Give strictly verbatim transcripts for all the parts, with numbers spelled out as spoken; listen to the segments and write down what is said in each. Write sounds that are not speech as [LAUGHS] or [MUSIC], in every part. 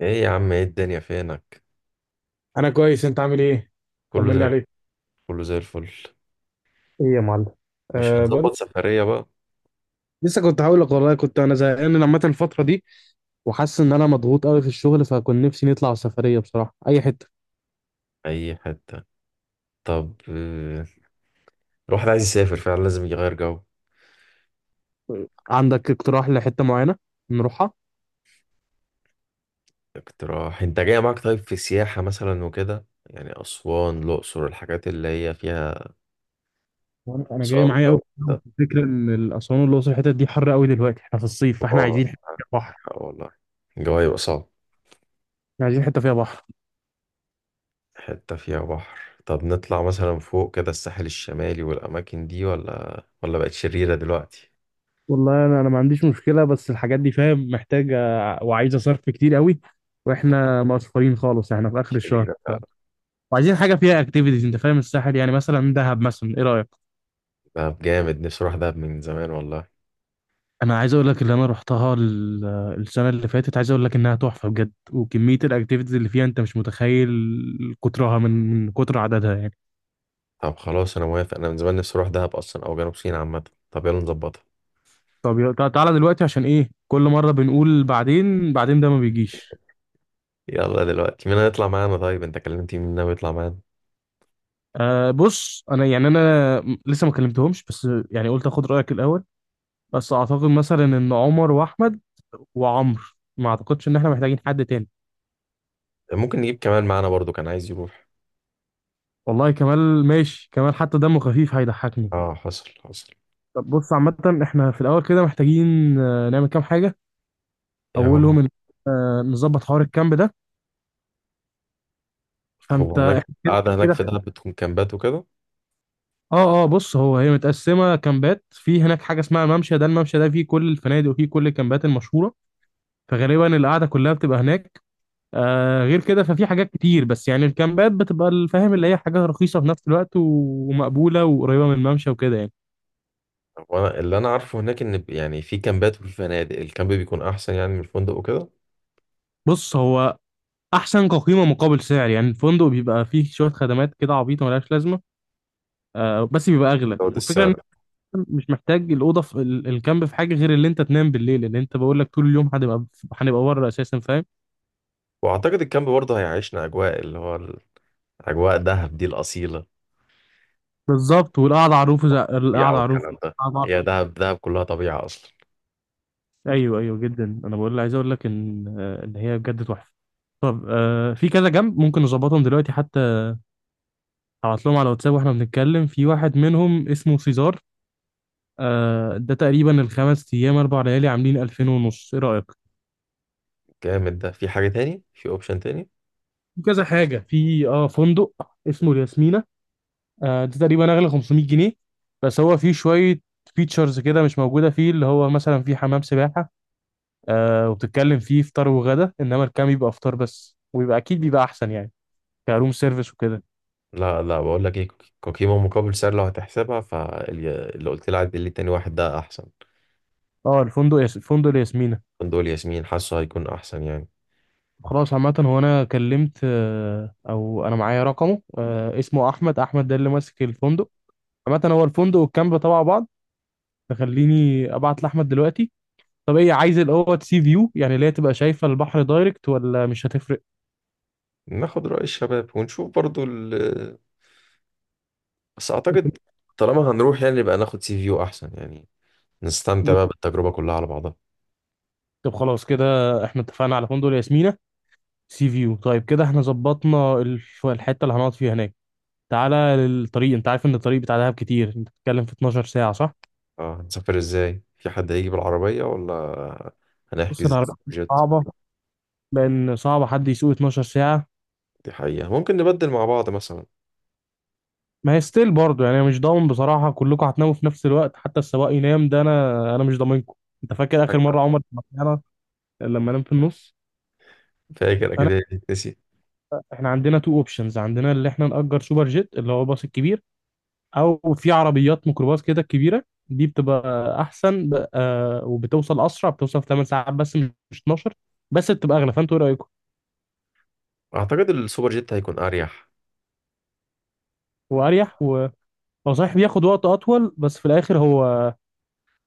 ايه يا عم، ايه الدنيا فينك؟ انا كويس، انت عامل ايه؟ كله زي طمني الفل. عليك. كله زي الفل. ايه يا معلم؟ مش أه، بقول هنظبط لك. سفرية بقى؟ لسه كنت هقول لك، والله كنت انا زهقان لما الفتره دي، وحاسس ان انا مضغوط قوي في الشغل، فكنت نفسي نطلع سفريه بصراحه اي حته. اي حتة. طب آه، الواحد عايز يسافر فعلا، لازم يغير جو. عندك اقتراح لحته معينه نروحها؟ اقتراح انت جاي معاك؟ طيب، في سياحة مثلا وكده، يعني اسوان الاقصر، الحاجات اللي هي فيها وانا انا جاي صور معايا وجو قوي. ده. الفكره ان الاسوان والاقصر الحتت دي حر قوي دلوقتي، احنا في الصيف فاحنا اه، عايزين حته عندك فيها بحر. حق والله. الجو هيبقى صعب. احنا عايزين حته فيها بحر. حتة فيها بحر، طب نطلع مثلا فوق كده الساحل الشمالي والاماكن دي، ولا ولا بقت شريرة دلوقتي؟ والله انا انا ما عنديش مشكله، بس الحاجات دي فاهم محتاجه وعايزه صرف كتير قوي، واحنا مقصرين خالص احنا في اخر الشهر. شريرة فعلا. وعايزين حاجه فيها اكتيفيتيز، انت فاهم الساحل، يعني مثلا دهب مثلا، ايه رايك؟ دهب جامد، نفسي اروح دهب من زمان والله. انا عايز اقول لك اللي انا رحتها ال- السنه اللي فاتت، عايز اقول لك انها تحفه بجد، وكميه الاكتيفيتيز اللي فيها انت مش متخيل كترها من من كتر عددها يعني. طب خلاص، انا موافق، انا من زمان نفسي اروح دهب اصلا او جنوب سيناء عامه. طب يلا نظبطها. طب يلا- تع- تعالى دلوقتي، عشان ايه كل مره بنقول بعدين بعدين، ده ما بيجيش. يلا دلوقتي، مين هيطلع معانا؟ طيب، انت كلمت مين ناوي يطلع معانا؟ أه بص، انا يعني انا م- لسه ما كلمتهمش، بس يعني قلت اخد رايك الاول، بس اعتقد مثلا ان عمر واحمد وعمرو، ما اعتقدش ان احنا محتاجين حد تاني. ممكن نجيب كمان معانا برضو كان عايز يروح. والله كمال ماشي، كمال حتى دمه خفيف هيضحكني. اه، حصل حصل. طب بص، عامة احنا في الأول كده محتاجين آه، نعمل كام حاجة. ايه هو؟ أولهم إن آه، نظبط حوار الكامب ده. هو فأنت هناك احنا [LAUGHS] كده قاعده هناك في كده. دهب بتكون كامبات وكده؟ اه اه بص، هو هي متقسمة كامبات، في هناك حاجة اسمها الممشى ده، الممشى ده فيه كل الفنادق وفيه كل الكامبات المشهورة، فغالبا القعدة كلها بتبقى هناك. آه غير كده ففي حاجات كتير، بس يعني الكامبات بتبقى الفاهم اللي هي حاجة رخيصة في نفس الوقت ومقبولة وقريبة من الممشى وكده يعني. هو انا اللي انا عارفه هناك ان ب- يعني في كامبات وفي فنادق، الكامب بيكون احسن يعني من الفندق وكده. بص هو احسن كقيمه مقابل سعر، يعني الفندق بيبقى فيه شويه خدمات كده عبيطه ملهاش لازمه. آه بس بيبقى اغلى، زود والفكره ان السعر. أنت مش محتاج الاوضه في ال- الكامب، في حاجه غير اللي انت تنام بالليل، اللي انت بقول لك طول اليوم هنبقى هنبقى بره اساسا فاهم. واعتقد الكامب برضه هيعيشنا اجواء، اللي هو اجواء دهب دي الاصيله، بالظبط، والقعده على الروف زي- القعده طبيعه على الروف، والكلام ده. قعدة على هي السطح. دهب دهب كلها طبيعه اصلا. ايوه، ايوه جدا، انا بقول عايز اقول لك ان آه، ان هي بجد تحفه. طب آه في كذا جنب ممكن نظبطهم دلوقتي حتى، هبعت لهم على واتساب، واحنا بنتكلم في واحد منهم اسمه سيزار. آه ده تقريبا الخمس ايام اربع ليالي عاملين ألفين ونص، ايه رايك؟ جامد. ده في حاجة تاني، في اوبشن تاني؟ في كذا حاجه، في اه فندق اسمه الياسمينه، آه ده تقريبا اغلى خمسمية جنيه، بس هو فيه شويه فيتشرز كده مش موجوده فيه، اللي هو مثلا فيه حمام سباحه. آه وبتتكلم فيه فطار وغدا، انما الكام يبقى فطار بس، ويبقى اكيد بيبقى احسن يعني، كروم سيرفيس وكده. لا، لا، بقول لك ايه، ك- قيمة مقابل سعر، لو هتحسبها فاللي قلت لي عدل لي، تاني واحد ده احسن. اه، الفندق ياس... الفندق الياسمينه. فندق ياسمين حاسه هيكون احسن يعني. خلاص، عامة هو أنا كلمت آه، أو أنا معايا رقمه، آه، اسمه أحمد، أحمد ده اللي ماسك الفندق، عامة هو الفندق والكامب تبع بعض، تخليني ابعت لاحمد دلوقتي. طب ايه، عايز الاوض سي فيو يعني اللي هي تبقى شايفه البحر دايركت، ولا مش هتفرق؟ ناخد رأي الشباب ونشوف برضو ال... بس اعتقد [LAUGHS] طالما هنروح يعني يبقى ناخد سي فيو احسن يعني، نستمتع بقى بالتجربة كلها على بعضها. طب خلاص، كده احنا اتفقنا على فندق ياسمينة سي فيو. طيب كده احنا ظبطنا الف- الحته اللي هنقعد فيها هناك. تعالى للطريق، انت عارف ان الطريق بتاع دهب كتير، انت بتتكلم في اتناشر ساعه، صح؟ اه، هنسافر ازاي؟ في حد هيجي بالعربية ولا بص هنحجز العربيات جت؟ صعبه، لان صعب حد يسوق اتناشر ساعه. دي حقيقة، ممكن نبدل مع بعض مثلا. ما هي ستيل برضه يعني، أنا مش ضامن بصراحه كلكم هتناموا في نفس الوقت حتى السواق ينام، ده انا انا مش ضامنكم. انت فاكر اخر فاكر. مره عمر لما نام في النص؟ انا اكيد. نسي. احنا عندنا تو اوبشنز، عندنا اللي احنا نأجر سوبر جيت اللي هو الباص الكبير، او في عربيات ميكروباص كده كبيره. دي بتبقى احسن ب... آه وبتوصل اسرع، بتوصل في ثماني ساعات بس، مش اتناشر، بس بتبقى اغلى، فانتوا ايه رايكم؟ اعتقد السوبر جيت هيكون اريح. واريح و... هو صحيح بياخد وقت اطول، بس في الاخر هو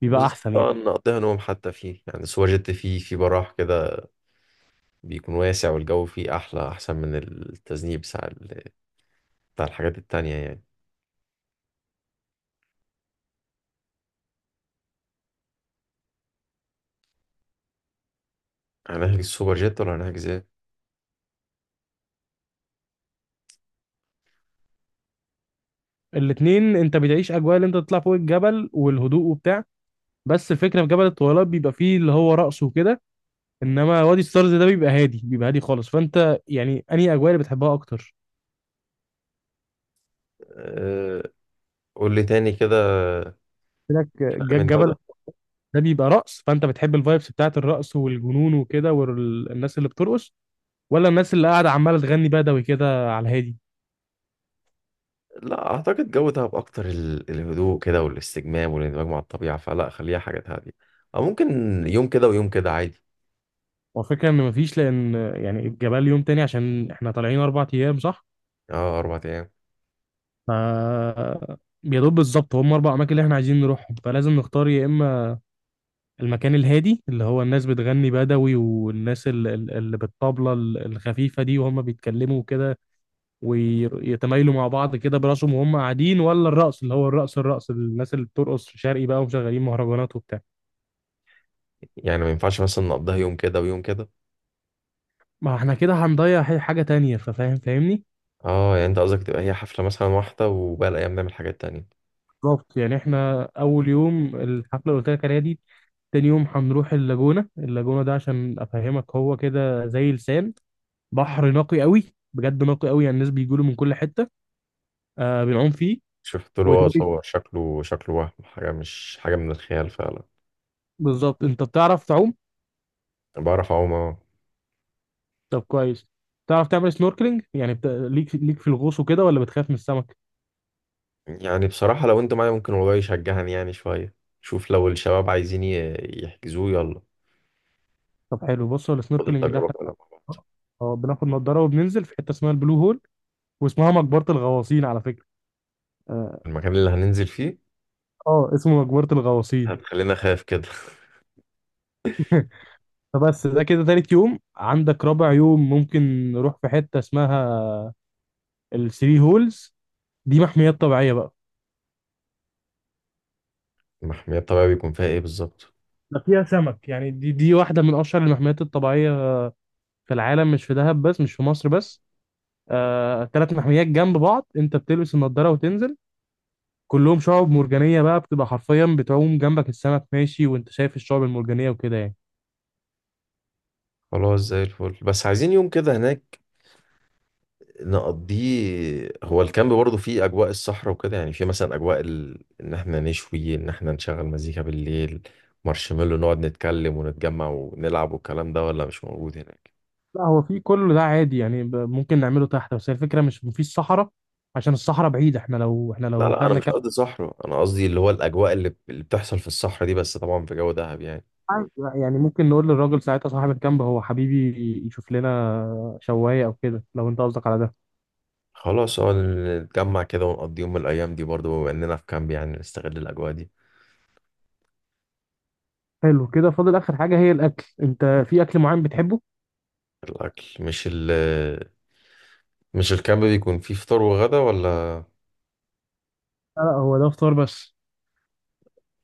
بيبقى بالظبط احسن يعني. طبعا، نقضيها نوم حتى فيه، يعني سوبر جيت فيه في براح كده، بيكون واسع والجو فيه أحلى أحسن من التذنيب بتاع ال- بتاع الحاجات التانية يعني. هنحجز سوبر جيت ولا هنحجز ايه؟ الاتنين انت بتعيش اجواء اللي انت تطلع فوق الجبل والهدوء وبتاع، بس الفكره في جبل الطويلات بيبقى فيه اللي هو رقص وكده، انما وادي ستارز ده بيبقى هادي، بيبقى هادي خالص، فانت يعني انهي اجواء اللي بتحبها اكتر؟ أه، قول لي تاني كده، لك فرق ج- بين ده جبل وده؟ ده بيبقى رقص، فانت بتحب الفايبس بتاعت الرقص والجنون وكده والناس اللي بترقص، ولا الناس اللي قاعده عماله تغني بدوي كده على الهادي؟ لا أعتقد، جو دهب أكتر ال- الهدوء كده والاستجمام والاندماج مع الطبيعة، فلا، خليها حاجة هادية. أو ممكن يوم كده ويوم كده عادي. والفكره ان مفيش، لان يعني الجبال يوم تاني، عشان احنا طالعين اربع ايام، صح؟ اه، أربع أيام. ف يا دوب بالظبط هم اربع اماكن اللي احنا عايزين نروحهم، فلازم نختار يا اما المكان الهادي اللي هو الناس بتغني بدوي والناس ال- ال- اللي بالطبلة ال- الخفيفة دي وهم بيتكلموا كده ويتمايلوا مع بعض كده براسهم وهم قاعدين، ولا الرقص اللي هو الرقص الرقص الناس اللي بترقص شرقي بقى ومشغلين مهرجانات وبتاع. يعني ما ينفعش مثلا نقضيها يوم كده ويوم كده؟ ما احنا كده هنضيع ح- حاجة تانية، ففاهم فاهمني. اه، يعني أنت قصدك تبقى هي حفلة مثلا واحدة، وباقي الأيام نعمل حاجات تانية؟ بالظبط، يعني احنا اول يوم الحفلة اللي قلت لك عليها دي، تاني يوم هنروح اللاجونة، اللاجونة ده عشان افهمك هو كده زي لسان، بحر نقي قوي، بجد نقي قوي يعني، الناس بيجوا له من كل حتة. آه بنعوم فيه شفت له اه وتالت. صور، شكله شكله، وهم حاجة مش حاجة من الخيال فعلا. بالظبط، انت بتعرف تعوم؟ أنا بعرف أعوم، اه. طب كويس. تعرف تعمل سنوركلينج يعني بت... ليك ليك في الغوص وكده، ولا بتخاف من السمك؟ يعني بصراحة، لو أنت معايا ممكن، والله يشجعني يعني شوية. شوف لو الشباب عايزين ي- يحجزوه يلا. طب حلو، بص هو خد السنوركلينج ده التجربة احنا كلها مع بعض. اه آه، بناخد نضاره وبننزل في حته اسمها البلو هول، واسمها مقبره الغواصين على فكره. اه المكان اللي هننزل فيه؟ آه، اسمه مقبره الغواصين. هتخلينا خايف كده. فبس ده كده تالت يوم، عندك رابع يوم ممكن نروح في حته اسمها الثري هولز، دي محميات طبيعيه بقى. [LAUGHS] المحمية الطبيعية بيكون فيها إيه بالظبط؟ ده فيها سمك يعني، دي دي واحده من اشهر المحميات الطبيعيه في العالم، مش في دهب بس، مش في مصر بس. آه، تلات محميات جنب بعض، انت بتلبس النضاره وتنزل، كلهم شعب مرجانية بقى، بتبقى حرفيا بتعوم جنبك السمك ماشي وانت شايف الشعب المرجانية وكده يعني. خلاص زي الفل، بس عايزين يوم كده هناك نقضيه. هو الكامب برضه فيه اجواء الصحراء وكده، يعني فيه مثلا اجواء ال... ان احنا نشوي، ان احنا نشغل مزيكا بالليل، مارشميلو، نقعد نتكلم ونتجمع ونلعب والكلام ده، ولا مش موجود هناك؟ لا، هو في كل ده عادي يعني، ب- ممكن نعمله تحت، بس هي الفكرة مش مفيش صحراء، عشان الصحراء بعيدة، احنا لو احنا لا، لو لا، انا خدنا مش كامب قصدي صحراء، انا قصدي اللي هو الاجواء اللي, اللي بتحصل في الصحراء دي، بس طبعا في جو دهب يعني. عادي، بقى، يعني ممكن نقول للراجل ساعتها صاحب الكامب هو حبيبي يشوف لنا شواية او كده، لو انت قصدك على ده. خلاص، اه، نتجمع كده ونقضي يوم من الايام دي برضه، بما اننا في كامب يعني نستغل الاجواء دي. حلو كده، فاضل اخر حاجة هي الاكل، انت في اكل معين بتحبه؟ الاكل مش ال مش الكامب بيكون فيه فطار وغدا ولا؟ لا لا، هو ده فطار بس.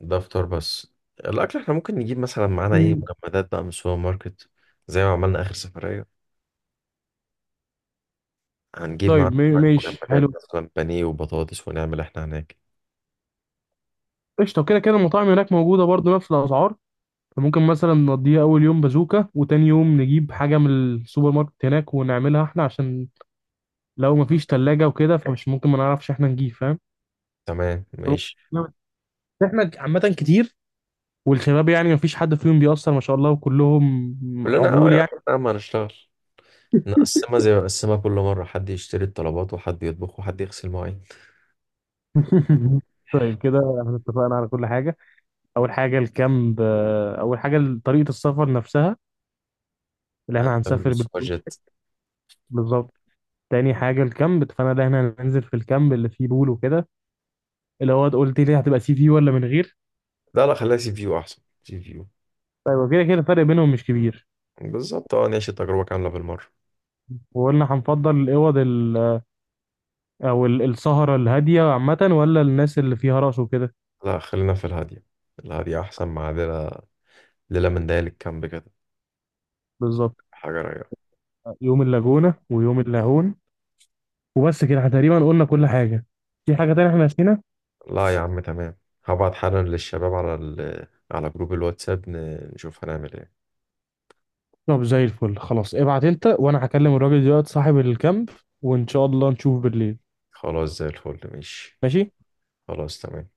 ده فطار بس. الاكل احنا ممكن نجيب مثلا معانا، ايه، مم. مجمدات بقى من السوبر ماركت، زي ما عملنا اخر سفرية. هنجيب طيب معانا ما- شوية ماشي مجمدات حلو، مثلا بانيه وبطاطس، ونعمل احنا هناك. قشطة. كده كده المطاعم هناك موجودة برضو نفس الأسعار، فممكن مثلا نقضيها اول يوم بازوكا، وتاني يوم نجيب حاجه من السوبر ماركت هناك ونعملها احنا، عشان لو مفيش تلاجة وكده فمش ممكن، ما نعرفش احنا نجيب، فاهم. تمام فممكن ماشي. نعمل- احنا عامه كتير، والشباب يعني مفيش حد فيهم بيأثر ما شاء الله، وكلهم كلنا اه عجول يا يعني. عم هنشتغل، نقسمها زي ما نقسمها كل مرة، حد يشتري الطلبات وحد يطبخ وحد يغسل مواعين. [LAUGHS] طيب كده احنا اتفقنا على كل حاجة. أول حاجة الكامب، آه، أول حاجة طريقة السفر نفسها اللي احنا هنشتغل هنسافر بال- بالسوبر جيت. بالظبط. تاني حاجة الكامب، فأنا ده احنا هننزل في الكامب اللي فيه بول وكده، اللي هو قلت لي هتبقى سي في ولا من غير؟ لا، لا، خليها سي فيو احسن سي فيو. طيب وكده كده الفرق بينهم مش كبير. بالظبط، اه، نعيش التجربة كاملة بالمرة. وقلنا هنفضل الاوض ال- او ال- السهره الهاديه عامه، ولا الناس اللي فيها رقص وكده. لا، خلينا في الهادية، الهادية احسن مع ليلة، ليلة من ليالي الكامب كده. بالظبط. حاجة رايقة. يوم اللاجونه ويوم اللاهون، وبس كده احنا تقريبا قلنا كل حاجه. في حاجه تانية احنا نسينا؟ لا يا عم، تمام. هبعت حالا للشباب على ال... على جروب الواتساب، ن- نشوف هنعمل ايه. طب زي الفل خلاص، ابعت انت، وانا هكلم الراجل دلوقتي صاحب الكامب، وان شاء الله نشوف بالليل. خلاص زي الفل، ماشي. ماشي. خلاص، تمام.